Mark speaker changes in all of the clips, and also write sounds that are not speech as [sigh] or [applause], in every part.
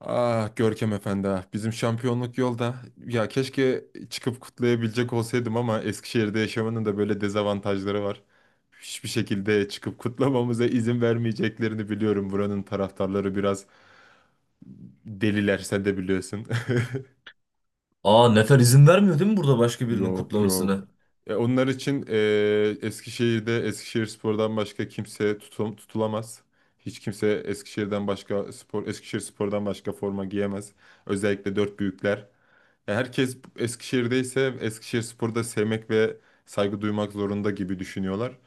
Speaker 1: Ah Görkem Efendi, bizim şampiyonluk yolda. Ya keşke çıkıp kutlayabilecek olsaydım ama Eskişehir'de yaşamanın da böyle dezavantajları var. Hiçbir şekilde çıkıp kutlamamıza izin vermeyeceklerini biliyorum. Buranın taraftarları biraz deliler, sen de biliyorsun.
Speaker 2: Aa, Nefer izin vermiyor değil mi burada
Speaker 1: [laughs]
Speaker 2: başka birinin
Speaker 1: Yok, yok.
Speaker 2: kutlamasına?
Speaker 1: E, onlar için e, Eskişehir'de Eskişehirspor'dan başka kimse tutulamaz. Hiç kimse Eskişehir'den başka Eskişehirspor'dan başka forma giyemez. Özellikle dört büyükler. Herkes Eskişehir'deyse Eskişehirspor'da sevmek ve saygı duymak zorunda gibi düşünüyorlar.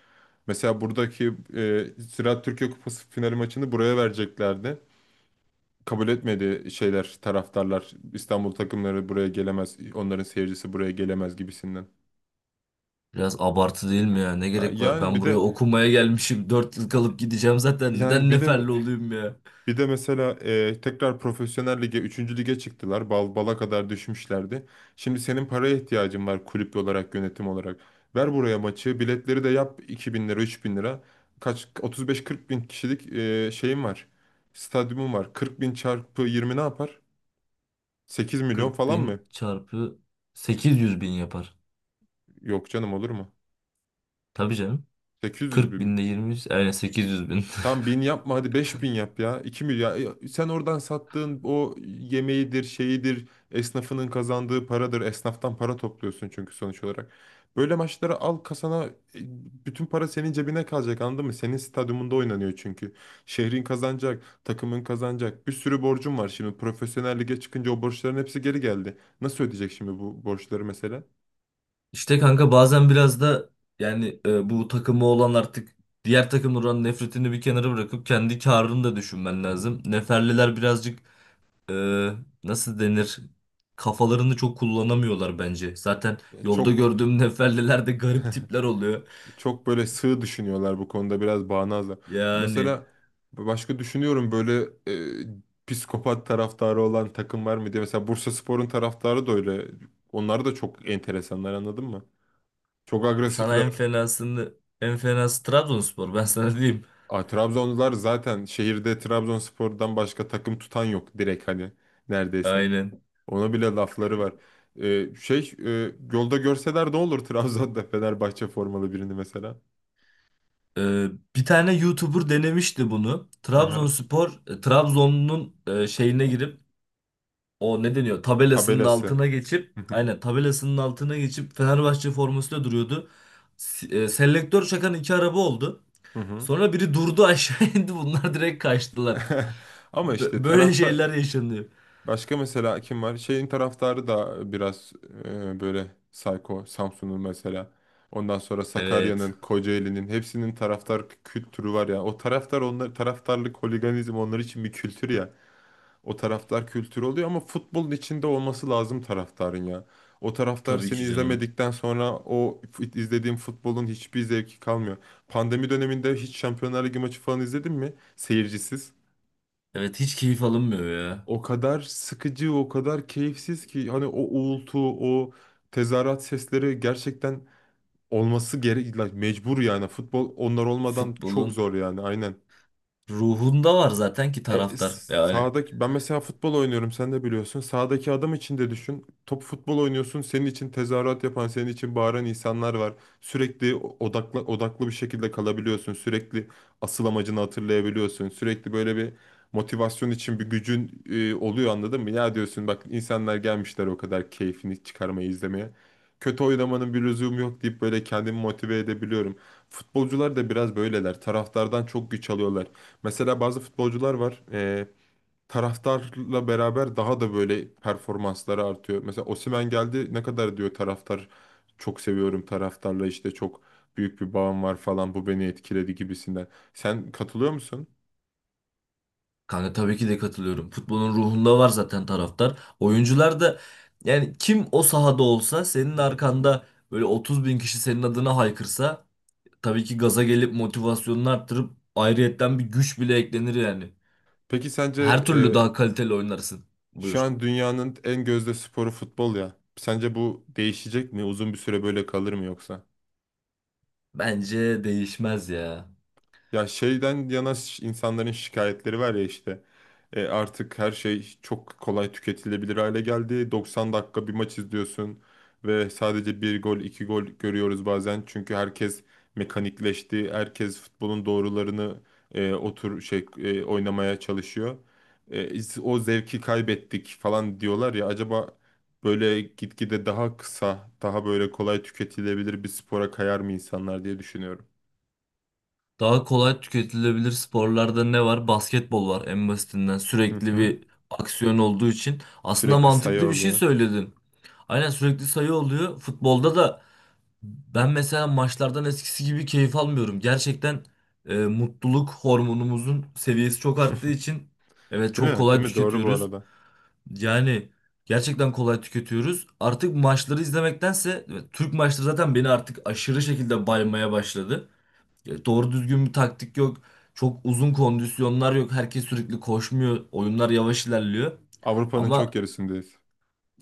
Speaker 1: Mesela buradaki Ziraat Türkiye Kupası finali maçını buraya vereceklerdi. Kabul etmedi şeyler, taraftarlar. İstanbul takımları buraya gelemez, onların seyircisi buraya gelemez gibisinden.
Speaker 2: Biraz abartı değil mi ya? Ne
Speaker 1: Ha,
Speaker 2: gerek var? Ben buraya okumaya gelmişim. Dört yıl kalıp gideceğim zaten.
Speaker 1: Yani
Speaker 2: Neden
Speaker 1: bir de
Speaker 2: neferli olayım ya?
Speaker 1: bir de mesela tekrar profesyonel lige, üçüncü lige çıktılar. Bala kadar düşmüşlerdi. Şimdi senin paraya ihtiyacın var kulüp olarak, yönetim olarak. Ver buraya maçı, biletleri de yap 2.000 lira, 3.000 lira. Kaç 35-40 bin kişilik şeyim var. Stadyumum var. 40 bin çarpı 20 ne yapar? 8 milyon
Speaker 2: 40
Speaker 1: falan mı?
Speaker 2: bin çarpı 800 bin yapar.
Speaker 1: Yok canım, olur mu?
Speaker 2: Tabii canım.
Speaker 1: 800
Speaker 2: 40
Speaker 1: bin mi?
Speaker 2: binde 20, yani 800 bin.
Speaker 1: Tam bin yapma, hadi 5.000 yap ya. 2 milyar. Sen oradan sattığın o yemeğidir, şeyidir, esnafının kazandığı paradır. Esnaftan para topluyorsun çünkü sonuç olarak. Böyle maçları al kasana, e, bütün para senin cebine kalacak, anladın mı? Senin stadyumunda oynanıyor çünkü. Şehrin kazanacak, takımın kazanacak. Bir sürü borcun var şimdi. Profesyonel lige çıkınca o borçların hepsi geri geldi. Nasıl ödeyecek şimdi bu borçları mesela?
Speaker 2: [laughs] İşte kanka bazen biraz da bu takımı olan artık diğer takımların nefretini bir kenara bırakıp kendi karını da düşünmen lazım. Neferliler birazcık, e, nasıl denir? Kafalarını çok kullanamıyorlar bence. Zaten
Speaker 1: E,
Speaker 2: yolda
Speaker 1: Çok
Speaker 2: gördüğüm [laughs] neferliler de garip tipler oluyor.
Speaker 1: çok böyle sığ düşünüyorlar bu konuda, biraz bağnazlar.
Speaker 2: Yani
Speaker 1: Mesela başka düşünüyorum böyle, psikopat taraftarı olan takım var mı diye. Mesela Bursaspor'un taraftarı da öyle. Onlar da çok enteresanlar, anladın mı? Çok
Speaker 2: sana en
Speaker 1: agresifler.
Speaker 2: fenasını, en fenası Trabzonspor, ben sana diyeyim.
Speaker 1: Aa, Trabzonlular zaten şehirde Trabzonspor'dan başka takım tutan yok, direkt hani neredeyse.
Speaker 2: Aynen.
Speaker 1: Ona bile lafları var. Yolda görseler ne olur [laughs] Trabzon'da Fenerbahçe formalı birini mesela.
Speaker 2: E, Bir tane YouTuber denemişti bunu.
Speaker 1: Aha.
Speaker 2: Trabzon'un şeyine girip, o ne deniyor tabelasının
Speaker 1: Tabelası.
Speaker 2: altına geçip
Speaker 1: Hı hı.
Speaker 2: aynen tabelasının altına geçip Fenerbahçe formasıyla duruyordu. Selektör çakan iki araba oldu.
Speaker 1: Hı hı.
Speaker 2: Sonra biri durdu, [laughs] aşağı indi, bunlar direkt kaçtılar.
Speaker 1: [laughs] Ama işte
Speaker 2: Böyle
Speaker 1: tarafta
Speaker 2: şeyler yaşanıyor.
Speaker 1: başka mesela kim var? Şeyin taraftarı da biraz, böyle sayko, Samsun'un mesela. Ondan sonra
Speaker 2: Evet,
Speaker 1: Sakarya'nın, Kocaeli'nin hepsinin taraftar kültürü var ya. O taraftar onlar taraftarlık, holiganizm onlar için bir kültür ya. O taraftar kültürü oluyor ama futbolun içinde olması lazım taraftarın ya. O taraftar
Speaker 2: tabii
Speaker 1: seni
Speaker 2: ki canım.
Speaker 1: izlemedikten sonra izlediğin futbolun hiçbir zevki kalmıyor. Pandemi döneminde hiç Şampiyonlar Ligi maçı falan izledin mi? Seyircisiz.
Speaker 2: Evet, hiç keyif alınmıyor ya.
Speaker 1: O kadar sıkıcı, o kadar keyifsiz ki hani o uğultu, o tezahürat sesleri gerçekten olması gerek, mecbur yani. Futbol onlar olmadan çok
Speaker 2: Futbolun
Speaker 1: zor yani, aynen.
Speaker 2: ruhunda var zaten ki
Speaker 1: E,
Speaker 2: taraftar. Yani
Speaker 1: Sağdaki ben mesela futbol oynuyorum, sen de biliyorsun. Sağdaki adam için de düşün. Top futbol oynuyorsun. Senin için tezahürat yapan, senin için bağıran insanlar var. Sürekli odaklı odaklı bir şekilde kalabiliyorsun. Sürekli asıl amacını hatırlayabiliyorsun. Sürekli böyle bir motivasyon için bir gücün oluyor, anladın mı? Ya diyorsun bak, insanlar gelmişler o kadar keyfini çıkarmayı izlemeye. Kötü oynamanın bir lüzumu yok deyip böyle kendimi motive edebiliyorum. Futbolcular da biraz böyleler. Taraftardan çok güç alıyorlar. Mesela bazı futbolcular var. Taraftarla beraber daha da böyle performansları artıyor. Mesela Osimhen geldi, ne kadar diyor taraftar çok seviyorum taraftarla işte, çok büyük bir bağım var falan, bu beni etkiledi gibisinden. Sen katılıyor musun?
Speaker 2: kanka, tabii ki de katılıyorum. Futbolun ruhunda var zaten taraftar. Oyuncular da yani kim o sahada olsa, senin arkanda böyle 30 bin kişi senin adına haykırsa, tabii ki gaza gelip motivasyonunu arttırıp ayrıyetten bir güç bile eklenir yani.
Speaker 1: Peki sence
Speaker 2: Her türlü
Speaker 1: e,
Speaker 2: daha kaliteli oynarsın.
Speaker 1: şu
Speaker 2: Buyur.
Speaker 1: an dünyanın en gözde sporu futbol ya. Sence bu değişecek mi? Uzun bir süre böyle kalır mı yoksa?
Speaker 2: Bence değişmez ya.
Speaker 1: İnsanların şikayetleri var ya işte. Artık her şey çok kolay tüketilebilir hale geldi. 90 dakika bir maç izliyorsun ve sadece bir gol iki gol görüyoruz bazen. Çünkü herkes mekanikleşti. Herkes futbolun doğrularını oynamaya çalışıyor. O zevki kaybettik falan diyorlar ya, acaba böyle gitgide daha kısa daha böyle kolay tüketilebilir bir spora kayar mı insanlar diye düşünüyorum.
Speaker 2: Daha kolay tüketilebilir sporlarda ne var? Basketbol var en basitinden.
Speaker 1: Hı
Speaker 2: Sürekli
Speaker 1: hı.
Speaker 2: bir aksiyon olduğu için. Aslında
Speaker 1: Sürekli sayı
Speaker 2: mantıklı bir şey
Speaker 1: oluyor.
Speaker 2: söyledin. Aynen, sürekli sayı oluyor. Futbolda da ben mesela maçlardan eskisi gibi keyif almıyorum. Gerçekten mutluluk hormonumuzun seviyesi çok arttığı için evet, çok
Speaker 1: Değil mi?
Speaker 2: kolay
Speaker 1: Değil mi? Doğru bu
Speaker 2: tüketiyoruz.
Speaker 1: arada.
Speaker 2: Yani gerçekten kolay tüketiyoruz. Artık maçları izlemektense evet, Türk maçları zaten beni artık aşırı şekilde baymaya başladı. Doğru düzgün bir taktik yok. Çok uzun kondisyonlar yok. Herkes sürekli koşmuyor. Oyunlar yavaş ilerliyor.
Speaker 1: Avrupa'nın çok
Speaker 2: Ama
Speaker 1: gerisindeyiz.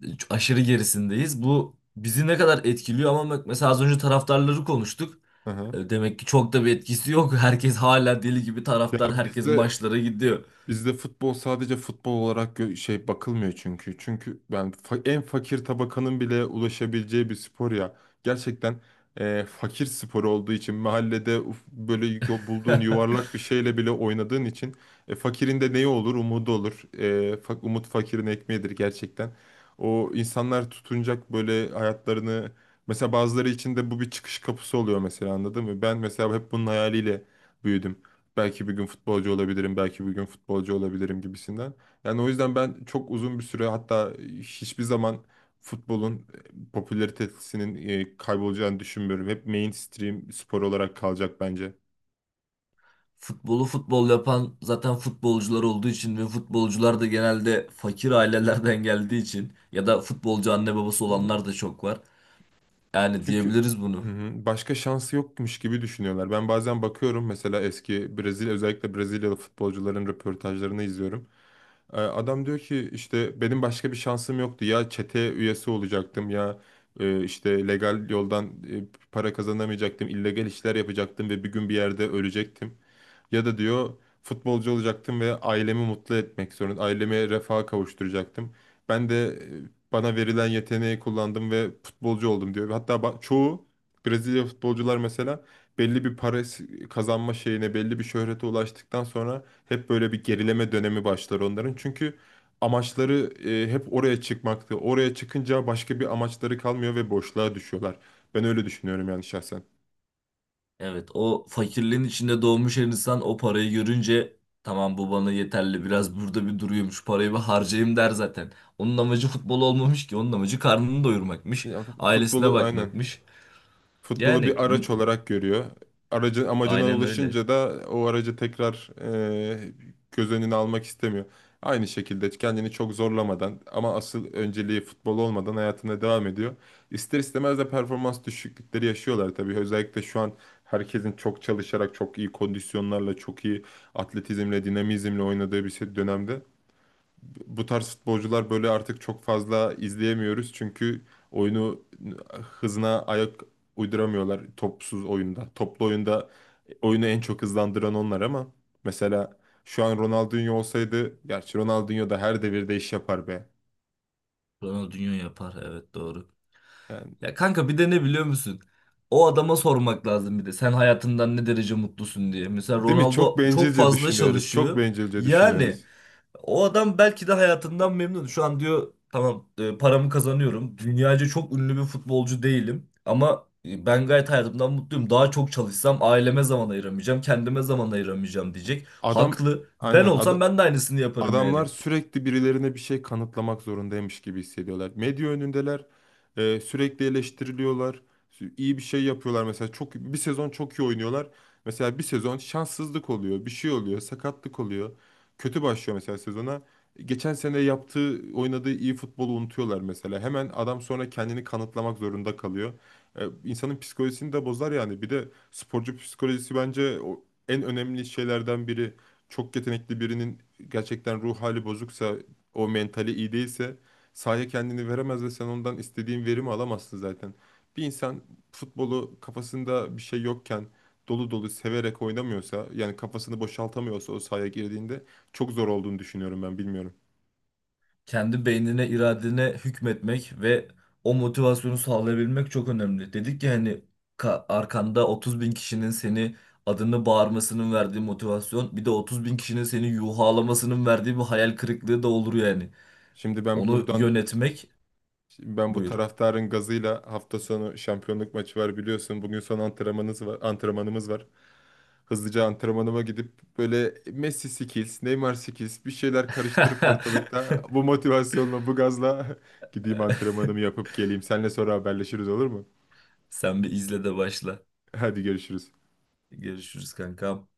Speaker 2: aşırı gerisindeyiz. Bu bizi ne kadar etkiliyor ama bak, mesela az önce taraftarları konuştuk.
Speaker 1: Hı hı.
Speaker 2: Demek ki çok da bir etkisi yok. [laughs] Herkes hala deli gibi
Speaker 1: Ya
Speaker 2: taraftar. Herkes
Speaker 1: bizde
Speaker 2: maçlara gidiyor.
Speaker 1: bizde futbol sadece futbol olarak bakılmıyor çünkü. Çünkü en fakir tabakanın bile ulaşabileceği bir spor ya. Gerçekten fakir sporu olduğu için mahallede bulduğun yuvarlak bir
Speaker 2: [laughs]
Speaker 1: şeyle bile oynadığın için fakirin de neyi olur? Umudu olur. Umut fakirin ekmeğidir gerçekten. O insanlar tutunacak böyle hayatlarını, mesela bazıları için de bu bir çıkış kapısı oluyor mesela, anladın mı? Ben mesela hep bunun hayaliyle büyüdüm, belki bir gün futbolcu olabilirim, belki bir gün futbolcu olabilirim gibisinden. Yani o yüzden ben çok uzun bir süre, hatta hiçbir zaman futbolun popülaritesinin kaybolacağını düşünmüyorum. Hep mainstream spor olarak kalacak bence.
Speaker 2: Futbolu futbol yapan zaten futbolcular olduğu için ve futbolcular da genelde fakir ailelerden geldiği için, ya da futbolcu anne babası olanlar da çok var. Yani
Speaker 1: Çünkü
Speaker 2: diyebiliriz
Speaker 1: hı
Speaker 2: bunu.
Speaker 1: hı, başka şansı yokmuş gibi düşünüyorlar. Ben bazen bakıyorum mesela, eski Brezilya özellikle Brezilyalı futbolcuların röportajlarını izliyorum. Adam diyor ki işte benim başka bir şansım yoktu. Ya çete üyesi olacaktım ya işte legal yoldan para kazanamayacaktım. İllegal işler yapacaktım ve bir gün bir yerde ölecektim. Ya da diyor futbolcu olacaktım ve ailemi mutlu etmek zorunda. Ailemi refaha kavuşturacaktım. Ben de bana verilen yeteneği kullandım ve futbolcu oldum diyor. Hatta çoğu Brezilya futbolcular mesela belli bir kazanma şeyine, belli bir şöhrete ulaştıktan sonra hep böyle bir gerileme dönemi başlar onların. Çünkü amaçları hep oraya çıkmaktı. Oraya çıkınca başka bir amaçları kalmıyor ve boşluğa düşüyorlar. Ben öyle düşünüyorum yani şahsen.
Speaker 2: Evet, o fakirliğin içinde doğmuş her insan o parayı görünce tamam bu bana yeterli, biraz burada bir duruyormuş, parayı bir harcayayım der zaten. Onun amacı futbol olmamış ki, onun amacı karnını doyurmakmış,
Speaker 1: Ya,
Speaker 2: ailesine
Speaker 1: futbolu aynen.
Speaker 2: bakmakmış.
Speaker 1: Futbolu
Speaker 2: Yani
Speaker 1: bir araç
Speaker 2: n-
Speaker 1: olarak görüyor. Aracın amacına
Speaker 2: aynen öyle.
Speaker 1: ulaşınca da o aracı tekrar e, göz önüne almak istemiyor. Aynı şekilde kendini çok zorlamadan ama asıl önceliği futbol olmadan hayatına devam ediyor. İster istemez de performans düşüklükleri yaşıyorlar tabii. Özellikle şu an herkesin çok çalışarak, çok iyi kondisyonlarla, çok iyi atletizmle, dinamizmle oynadığı bir dönemde bu tarz futbolcular böyle artık çok fazla izleyemiyoruz. Çünkü oyunu hızına ayak uyduramıyorlar topsuz oyunda. Toplu oyunda oyunu en çok hızlandıran onlar ama mesela şu an Ronaldinho olsaydı, gerçi Ronaldinho da her devirde iş yapar be.
Speaker 2: Ronaldinho yapar, evet doğru.
Speaker 1: Yani
Speaker 2: Ya kanka, bir de ne biliyor musun? O adama sormak lazım bir de, sen hayatından ne derece mutlusun diye. Mesela
Speaker 1: değil mi? Çok
Speaker 2: Ronaldo çok
Speaker 1: bencilce
Speaker 2: fazla
Speaker 1: düşünüyoruz. Çok
Speaker 2: çalışıyor.
Speaker 1: bencilce
Speaker 2: Yani
Speaker 1: düşünüyoruz.
Speaker 2: o adam belki de hayatından memnun. Şu an diyor tamam, paramı kazanıyorum. Dünyaca çok ünlü bir futbolcu değilim. Ama ben gayet hayatımdan mutluyum. Daha çok çalışsam aileme zaman ayıramayacağım. Kendime zaman ayıramayacağım diyecek.
Speaker 1: Adam
Speaker 2: Haklı. Ben
Speaker 1: aynen
Speaker 2: olsam
Speaker 1: ada-
Speaker 2: ben de aynısını yaparım
Speaker 1: Adamlar
Speaker 2: yani.
Speaker 1: sürekli birilerine bir şey kanıtlamak zorundaymış gibi hissediyorlar. Medya önündeler, sürekli eleştiriliyorlar, iyi bir şey yapıyorlar. Mesela bir sezon çok iyi oynuyorlar. Mesela bir sezon şanssızlık oluyor, bir şey oluyor, sakatlık oluyor. Kötü başlıyor mesela sezona. Geçen sene yaptığı, oynadığı iyi futbolu unutuyorlar mesela. Hemen adam sonra kendini kanıtlamak zorunda kalıyor. İnsanın psikolojisini de bozar yani. Bir de sporcu psikolojisi bence o en önemli şeylerden biri, çok yetenekli birinin gerçekten ruh hali bozuksa, o mentali iyi değilse sahaya kendini veremez ve sen ondan istediğin verimi alamazsın zaten. Bir insan futbolu kafasında bir şey yokken dolu dolu severek oynamıyorsa, yani kafasını boşaltamıyorsa, o sahaya girdiğinde çok zor olduğunu düşünüyorum, ben bilmiyorum.
Speaker 2: Kendi beynine, iradene hükmetmek ve o motivasyonu sağlayabilmek çok önemli. Dedik ya hani, arkanda 30 bin kişinin seni adını bağırmasının verdiği motivasyon, bir de 30 bin kişinin seni yuhalamasının verdiği bir hayal kırıklığı da olur yani.
Speaker 1: Şimdi ben
Speaker 2: Onu
Speaker 1: buradan
Speaker 2: yönetmek,
Speaker 1: ben bu
Speaker 2: buyur.
Speaker 1: taraftarın gazıyla hafta sonu şampiyonluk maçı var, biliyorsun. Bugün son antrenmanımız var, antrenmanımız var. Hızlıca antrenmanıma gidip böyle Messi skills, Neymar skills bir şeyler karıştırıp
Speaker 2: [laughs]
Speaker 1: ortalıkta bu motivasyonla, bu gazla [laughs] gideyim antrenmanımı yapıp geleyim. Seninle sonra haberleşiriz, olur mu?
Speaker 2: Sen bir izle de başla.
Speaker 1: Hadi görüşürüz.
Speaker 2: Görüşürüz kankam.